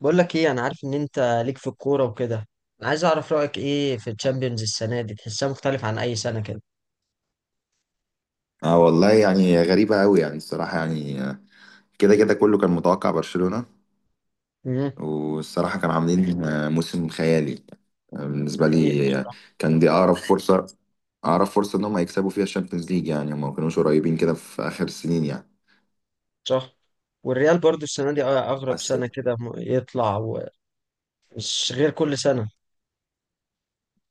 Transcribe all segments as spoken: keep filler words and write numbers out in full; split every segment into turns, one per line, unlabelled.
بقول لك ايه، انا عارف ان انت ليك في الكوره وكده. انا عايز اعرف رايك ايه في الشامبيونز السنه دي، تحسها مختلف عن اي سنه كده؟
اه والله يعني غريبة قوي يعني الصراحة يعني آه، كده كده كله كان متوقع برشلونة.
مم.
والصراحة كانوا عاملين آه، موسم خيالي آه، بالنسبة
حقيقة
لي آه،
بصراحه.
كان دي أقرب فرصة، أقرب فرصة إن هم يكسبوا فيها الشامبيونز ليج، يعني هم ما كانوش قريبين كده في آخر السنين يعني.
صح، والريال برضو السنه دي اغرب
بس
سنه كده م- يطلع ومش غير كل سنه.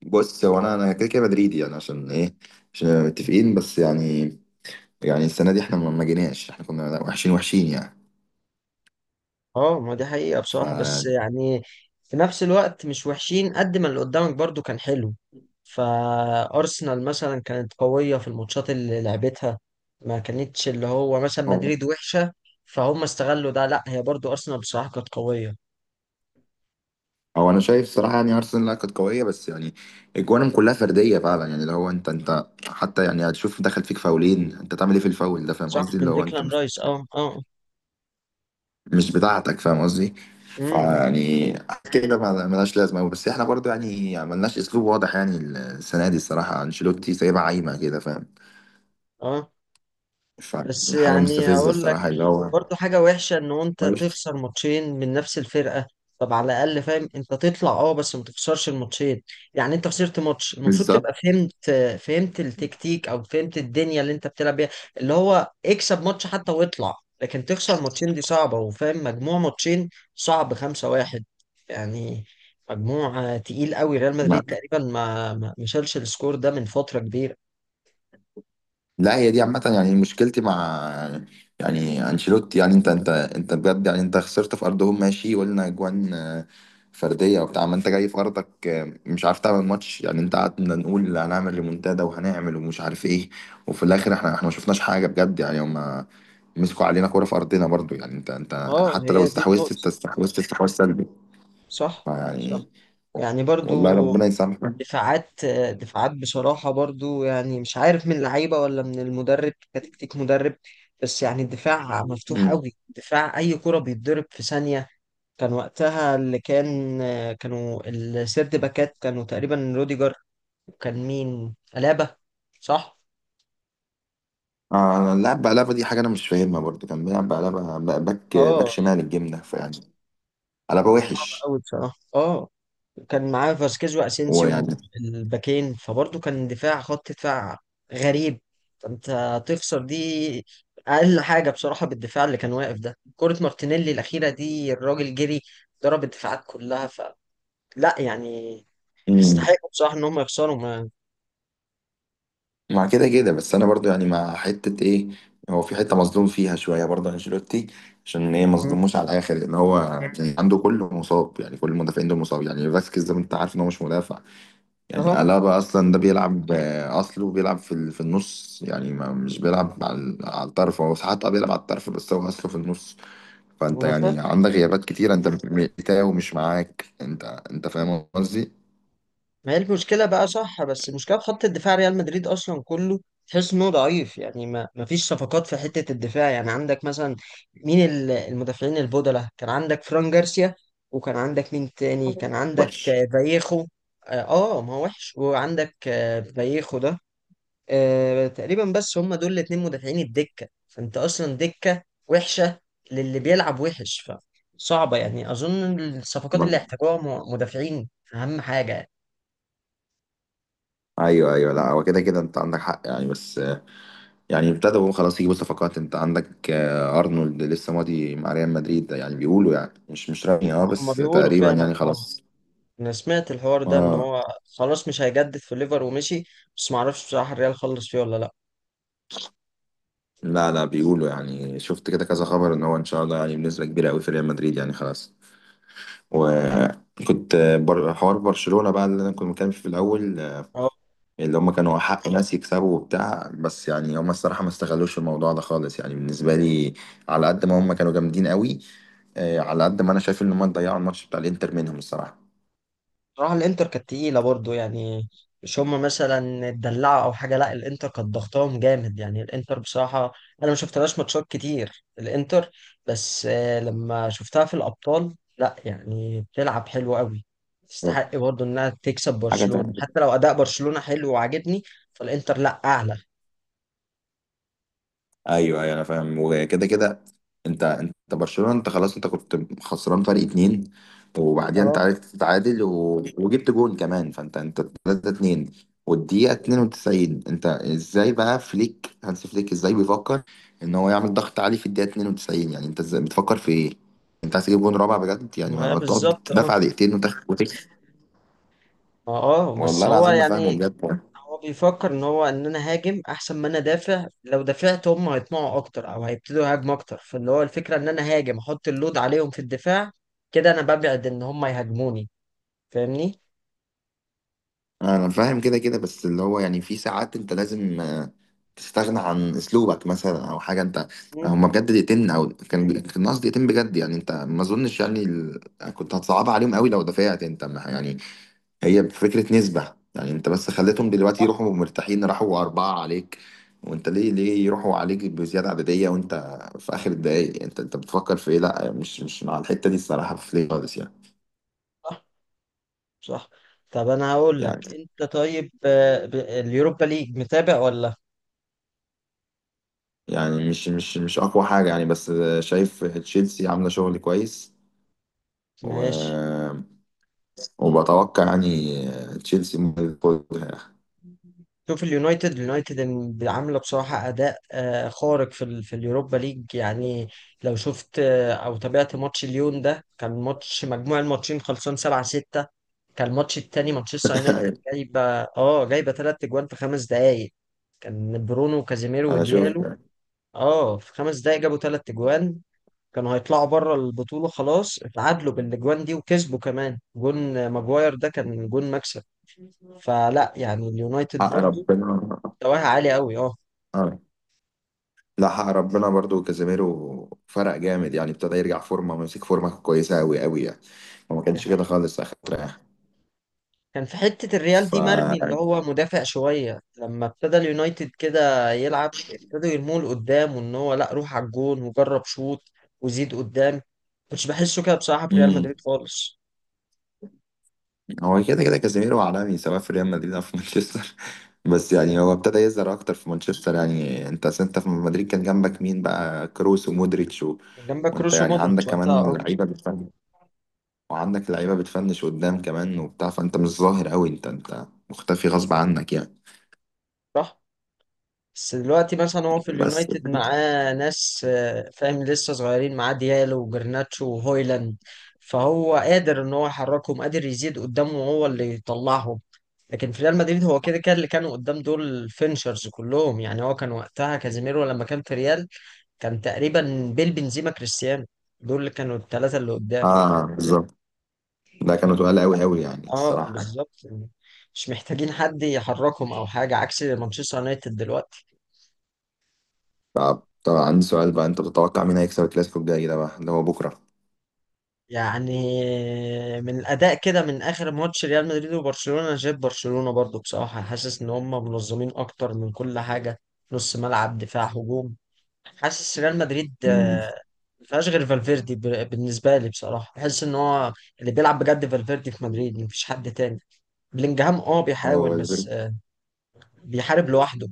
بص، هو أنا أنا كده كده مدريدي، يعني عشان إيه؟ عشان متفقين، بس يعني، يعني السنة دي إحنا ما ما جيناش، إحنا كنا وحشين وحشين يعني.
اه، ما دي حقيقه
ف
بصراحه، بس يعني في نفس الوقت مش وحشين قد ما اللي قدامك برضو كان حلو. فارسنال مثلا كانت قويه في الماتشات اللي لعبتها، ما كانتش اللي هو مثلا مدريد وحشه فهم استغلوا ده، لا، هي برضو ارسنال بصراحه كانت قويه.
هو انا شايف صراحه، يعني ارسنال لا كانت قويه بس يعني اجوانهم كلها فرديه فعلا، يعني اللي هو انت انت حتى، يعني هتشوف دخل فيك فاولين، انت تعمل ايه في الفاول ده؟ فاهم
صح،
قصدي؟ اللي
من
هو انت
ديكلان
مش
رايس، اه اه.
مش بتاعتك، فاهم قصدي؟
امم.
فيعني كده، ما- ملهاش لازمه أوي. بس احنا برضو يعني ملناش اسلوب واضح، يعني السنه دي الصراحه انشيلوتي سايبها عايمه كده، فاهم؟
اه بس
فحاجه
يعني
مستفزه
هقول لك،
الصراحه، اللي هو
برضو حاجة وحشة ان انت
ملوش
تخسر ماتشين من نفس الفرقة. طب على الاقل فاهم انت تطلع، اه، بس ما تخسرش الماتشين. يعني انت خسرت ماتش المفروض
بالظبط.
تبقى فهمت، فهمت التكتيك او فهمت الدنيا اللي انت بتلعب بيها، اللي هو اكسب ماتش حتى واطلع. لكن تخسر ماتشين دي صعبة، وفاهم مجموع ماتشين صعب، خمسة واحد يعني. مجموع آه، تقيل قوي، ريال مدريد تقريبا ما ما ما شالش السكور ده من فترة كبيرة.
لا هي دي عامة، يعني مشكلتي مع، يعني انشيلوتي، يعني انت انت انت بجد، يعني انت خسرت في ارضهم، ماشي، وقلنا اجوان آه، فردية وبتاع، ما انت جاي في ارضك آه، مش عارف تعمل ماتش، يعني انت قعدنا نقول هنعمل ريمونتادا وهنعمل ومش عارف ايه، وفي الاخر احنا احنا ما شفناش حاجة بجد، يعني هما مسكوا علينا كورة في ارضنا برضو، يعني انت انت
اه،
حتى
هي
لو
دي
استحوذت،
النقطة.
انت استحوذت استحواذ سلبي.
صح.
فيعني،
صح، يعني برضو
والله ربنا يسامحك.
دفاعات. دفاعات بصراحة، برضو يعني مش عارف من اللعيبة ولا من المدرب، كتكتيك مدرب. بس يعني الدفاع مفتوح قوي، دفاع أي كرة بيتضرب في ثانية. كان وقتها اللي كان، كانوا السيرد باكات كانوا تقريبا روديجر، وكان مين، ألابا، صح؟
آه، أنا اللعب بقلبة دي حاجة أنا مش فاهمها برضه، كان بيلعب بقلبة ب- باك باك
اه
شمال
يعني
الجبنة، فيعني قلبة وحش،
قوي بصراحة، اه. كان معاه فاسكيز
ويعني.
واسينسيو الباكين، فبرضه كان دفاع، خط دفاع غريب. فانت تخسر دي اقل حاجه بصراحه، بالدفاع اللي كان واقف ده. كره مارتينيلي الاخيره دي، الراجل جري ضرب الدفاعات كلها، فلا يعني
مم.
يستحقوا بصراحه ان هم يخسروا ما.
مع كده كده بس أنا برضه يعني مع حتة إيه، هو في حتة مظلوم فيها شوية برضه أنشيلوتي، عشان إيه
مم.
مظلوموش على الآخر؟ لأن هو يعني عنده كله مصاب، يعني كل المدافعين دول مصاب، يعني فاسكيز ده أنت عارف إن هو مش مدافع، يعني قلبة أصلا ده بيلعب، آه، أصله بيلعب في ال- في النص، يعني ما مش بيلعب على على الطرف، هو ساعات آه بيلعب على الطرف، بس هو أصله في النص. فانت
اهو.
يعني عندك غيابات كتيره، انت بتاعه مش معاك، انت انت فاهم قصدي؟
ما هي المشكلة بقى، صح، بس المشكلة في خط الدفاع ريال مدريد أصلا كله تحس إنه ضعيف. يعني ما ما فيش صفقات في حتة الدفاع. يعني عندك مثلا مين، ال- المدافعين البودلة، كان عندك فران جارسيا، وكان عندك مين تاني،
أيوة.
كان عندك
وحش.
آه، فايخو. آه. آه، ما هو وحش، وعندك آه، فايخو ده، آه تقريبا. بس هم دول الاتنين مدافعين الدكة، فأنت أصلا دكة وحشة، للي بيلعب وحش. فصعبة يعني، أظن الصفقات اللي
ما-
احتاجوها م- مدافعين أهم حاجة.
ايوه ايوه، لا هو كده كده انت عندك حق يعني، بس يعني ابتدوا خلاص يجيبوا صفقات، انت عندك آه، ارنولد لسه ماضي مع ريال مدريد ده، يعني بيقولوا، يعني مش مش رسمي، اه،
هما
بس
بيقولوا
تقريبا
فعلا،
يعني
اه.
خلاص.
انا سمعت الحوار ده ان
اه،
هو خلاص مش هيجدد في الليفر ومشي، بس ما اعرفش بصراحه الريال خلص فيه ولا لا.
لا، لا بيقولوا، يعني شفت كده كذا خبر ان هو ان شاء الله يعني بنسبه كبيره قوي في ريال مدريد، يعني خلاص. وكنت آه، بر... حوار برشلونه بقى اللي انا كنت متكلم فيه في الاول،
اه
اللي هم كانوا حق ناس يكسبوا وبتاع، بس يعني هم الصراحة ما استغلوش الموضوع ده خالص، يعني بالنسبة لي، على قد ما هم كانوا جامدين قوي، آه، على قد ما انا شايف ان هم ضيعوا الماتش بتاع الانتر منهم، الصراحة.
بصراحه الانتر كانت تقيله برضو. يعني مش هما مثلا اتدلعوا او حاجه، لا، الانتر كانت ضغطاهم جامد. يعني الانتر بصراحه انا ما شفتلهاش ماتشات كتير الانتر، بس آه، لما شفتها في الابطال، لا يعني بتلعب حلو قوي. تستحق برضو انها تكسب
حاجة
برشلونه
تانية،
حتى لو اداء برشلونه حلو وعاجبني، فالانتر لا اعلى.
ايوه ايوه، انا فاهم، وكده كده انت، انت برشلونه، انت خلاص انت كنت خسران فرق اتنين، وبعدين انت
اه
عرفت تتعادل و... وجبت جون كمان، فانت انت تلاتة اتنين، والدقيقه اتنين وتسعين، انت ازاي بقى؟ فليك، هانس فليك، ازاي بيفكر ان هو يعمل ضغط عالي في الدقيقه اتنين وتسعين؟ يعني انت ازاي بتفكر في ايه؟ انت عايز تجيب جون رابع بجد؟ يعني ما
ما
ما تقعد
بالظبط، اه.
تدافع دقيقتين وتخ- وتكسب.
ما اه، بس
والله
هو
العظيم ما فاهمه
يعني
بجد.
هو بيفكر ان هو، ان انا هاجم احسن ما انا دافع. لو دافعت هم هيطمعوا اكتر او هيبتدوا يهاجموا اكتر، فاللي هو الفكره ان انا هاجم، احط اللود عليهم في الدفاع. كده انا ببعد ان هم يهاجموني، فاهمني.
انا فاهم كده كده، بس اللي هو يعني في ساعات انت لازم آه، تستغنى عن اسلوبك مثلا او حاجه. انت
مم.
هما بجد دقيقتين، او كان كان الناس دقيقتين بجد، يعني انت ما اظنش يعني ال... كنت هتصعبها عليهم قوي لو دفعت انت، ما- يعني، هي فكره نسبه، يعني انت بس خليتهم دلوقتي
صح.
يروحوا مرتاحين، راحوا اربعه عليك. وانت ليه ليه يروحوا عليك بزياده عدديه وانت في اخر الدقايق؟ يعني انت انت بتفكر في ايه؟ لا مش مش مع الحته دي، الصراحه في ليه خالص يعني.
صح. صح. طب انا هقول لك،
يعني
انت طيب آه، ب- اليوروبا ليج متابع ولا؟
يعني مش مش مش اقوى حاجه يعني، بس شايف تشيلسي عامله شغل كويس، و...
ماشي.
وبتوقع يعني تشيلسي ممكن ياخدها.
شوف اليونايتد، اليونايتد إن- عامله بصراحه اداء آه، خارق في ال في اليوروبا ليج. يعني لو شفت آه، او تابعت ماتش ليون ده، كان ماتش مجموع الماتشين خلصان سبعة ستة. كان الماتش التاني مانشستر يونايتد جايبه اه جايبه ثلاث اجوان في خمس دقائق. كان برونو وكازيميرو
انا شوف
وديالو، اه، في خمس دقائق جابوا ثلاث اجوان. كانوا هيطلعوا بره البطوله، خلاص اتعادلوا بالاجوان دي وكسبوا كمان جون ماجواير ده، كان جون مكسب. فلا يعني اليونايتد
حق
برضو
ربنا.
مستواه عالي قوي، اه.
آه. لا، حق ربنا برضو كازيميرو فرق جامد، يعني ابتدى يرجع فورمه ومسك فورمه كويسه قوي قوي يعني. وما
دي
كانش كده
حقيقة.
خالص اخر فتره يعني.
كان في حتة الريال
ف
دي مرمي، اللي هو مدافع شوية لما ابتدى اليونايتد كده يلعب، ابتدوا يرموه لقدام، وان هو لا، روح على الجون وجرب شوط وزيد قدام. كنتش بحسه كده بصراحة في ريال
مم.
مدريد خالص.
هو كده كده كازيميرو عالمي، سواء في ريال مدريد او في مانشستر. بس يعني هو ابتدى يظهر اكتر في مانشستر. يعني انت أصل انت في مدريد كان جنبك مين بقى؟ كروس، ومودريتش، و...
كان جنبك
وانت
كروس
يعني عندك
ومودريتش وقتها،
كمان
اه.
لعيبه بتفنش، وعندك لعيبه بتفنش قدام كمان وبتاع، فانت مش ظاهر قوي، انت انت مختفي غصب عنك يعني.
صح، بس دلوقتي مثلا هو في
بس
اليونايتد معاه ناس، آه، فاهم، لسه صغيرين، معاه ديالو وجرناتشو وهويلاند. فهو قادر ان هو يحركهم، قادر يزيد قدامه وهو اللي يطلعهم. لكن في ريال مدريد هو كده كده اللي كانوا قدام دول فينشرز كلهم. يعني هو كان وقتها كازيميرو لما كان في ريال، كان تقريبا بيل بنزيما كريستيانو، دول اللي كانوا الثلاثة اللي قدام.
اه، بالظبط، ده
ف-
كانوا تقال قوي قوي، يعني
اه
الصراحه يعني.
بالظبط يعني، مش محتاجين حد يحركهم او حاجة، عكس مانشستر يونايتد دلوقتي.
طب طب عندي سؤال بقى، انت بتتوقع مين هيكسب الكلاسيكو الجاي ده بقى اللي هو بكره؟
يعني من الاداء كده، من اخر ماتش ريال مدريد وبرشلونة، أنا شايف برشلونة برضو بصراحة، حاسس ان هم منظمين اكتر من كل حاجة، نص ملعب دفاع هجوم. حاسس ريال مدريد
امم
آه، ما فيهاش غير فالفيردي. ب- بالنسبه لي بصراحه، بحس ان هو اللي بيلعب بجد فالفيردي في مدريد، مفيش حد تاني. بلينجهام اه بيحاول،
هو
بس آه، بيحارب لوحده.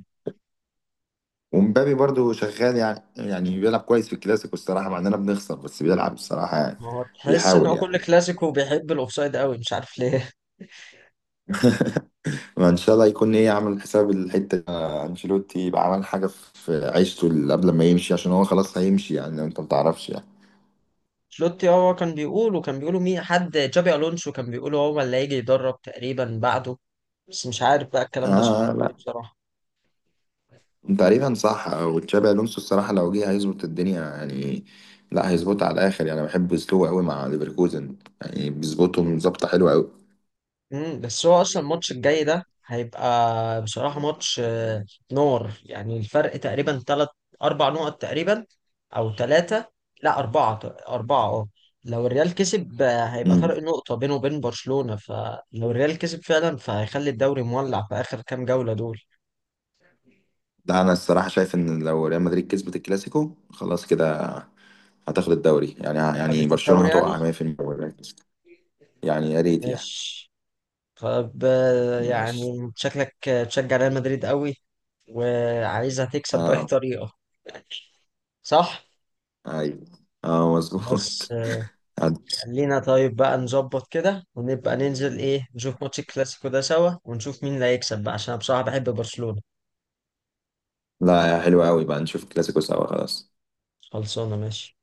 ومبابي برضو شغال، يعني يعني بيلعب كويس في الكلاسيكو الصراحة، مع اننا بنخسر بس بيلعب الصراحة، يعني
هو تحس ان
بيحاول
هو
يعني.
كل كلاسيكو بيحب الاوفسايد قوي، مش عارف ليه.
ما ان شاء الله يكون ايه عامل حساب الحتة دي. آه، انشيلوتي يبقى عمل حاجة في عيشته اللي قبل ما يمشي، عشان هو خلاص هيمشي، يعني انت ما تعرفش يعني.
شلوتي هو كان بيقول، وكان بيقولوا مين، حد، جابي الونسو، كان بيقولوا هو اللي هيجي يدرب تقريبا بعده، بس مش عارف بقى الكلام ده صحيح ولا
اه،
إيه
لا،
بصراحه.
تقريبا صح، وتشابي الونسو الصراحة لو جه هيظبط الدنيا يعني. لا، هيظبطها على الاخر، يعني انا بحب اسلوبه قوي مع ليفركوزن، يعني بيظبطهم ظبطة حلوة قوي.
مم، بس هو اصلا الماتش الجاي ده هيبقى بصراحه ماتش آه، نار. يعني الفرق تقريبا ثلاث اربع نقط تقريبا، او ثلاثه، لا اربعه، اربعه اه. لو الريال كسب، آه، هيبقى
مم.
فرق نقطه بينه وبين برشلونه، فلو الريال كسب فعلا فهيخلي الدوري مولع في اخر كام جوله دول.
ده انا الصراحة شايف ان لو ريال مدريد كسبت الكلاسيكو خلاص كده هتاخد الدوري، يعني يعني
خدت
برشلونة
الدوري يعني.
هتقع مية في المية ولا؟ يعني يا ريت يعني.
ماشي. طب آه،
ماشي.
يعني شكلك آه، تشجع ريال مدريد قوي وعايزها تكسب باي
اه.
طريقه. صح.
ايوه. اه
خلاص.
مظبوط.
خلينا طيب بقى نظبط كده، ونبقى ننزل ايه، نشوف ماتش الكلاسيكو ده سوا، ونشوف مين اللي هيكسب بقى، عشان انا بصراحة بحب برشلونة.
لا يا حلوة قوي، بقى نشوف الكلاسيكو سوا، خلاص.
خلصانة، ماشي.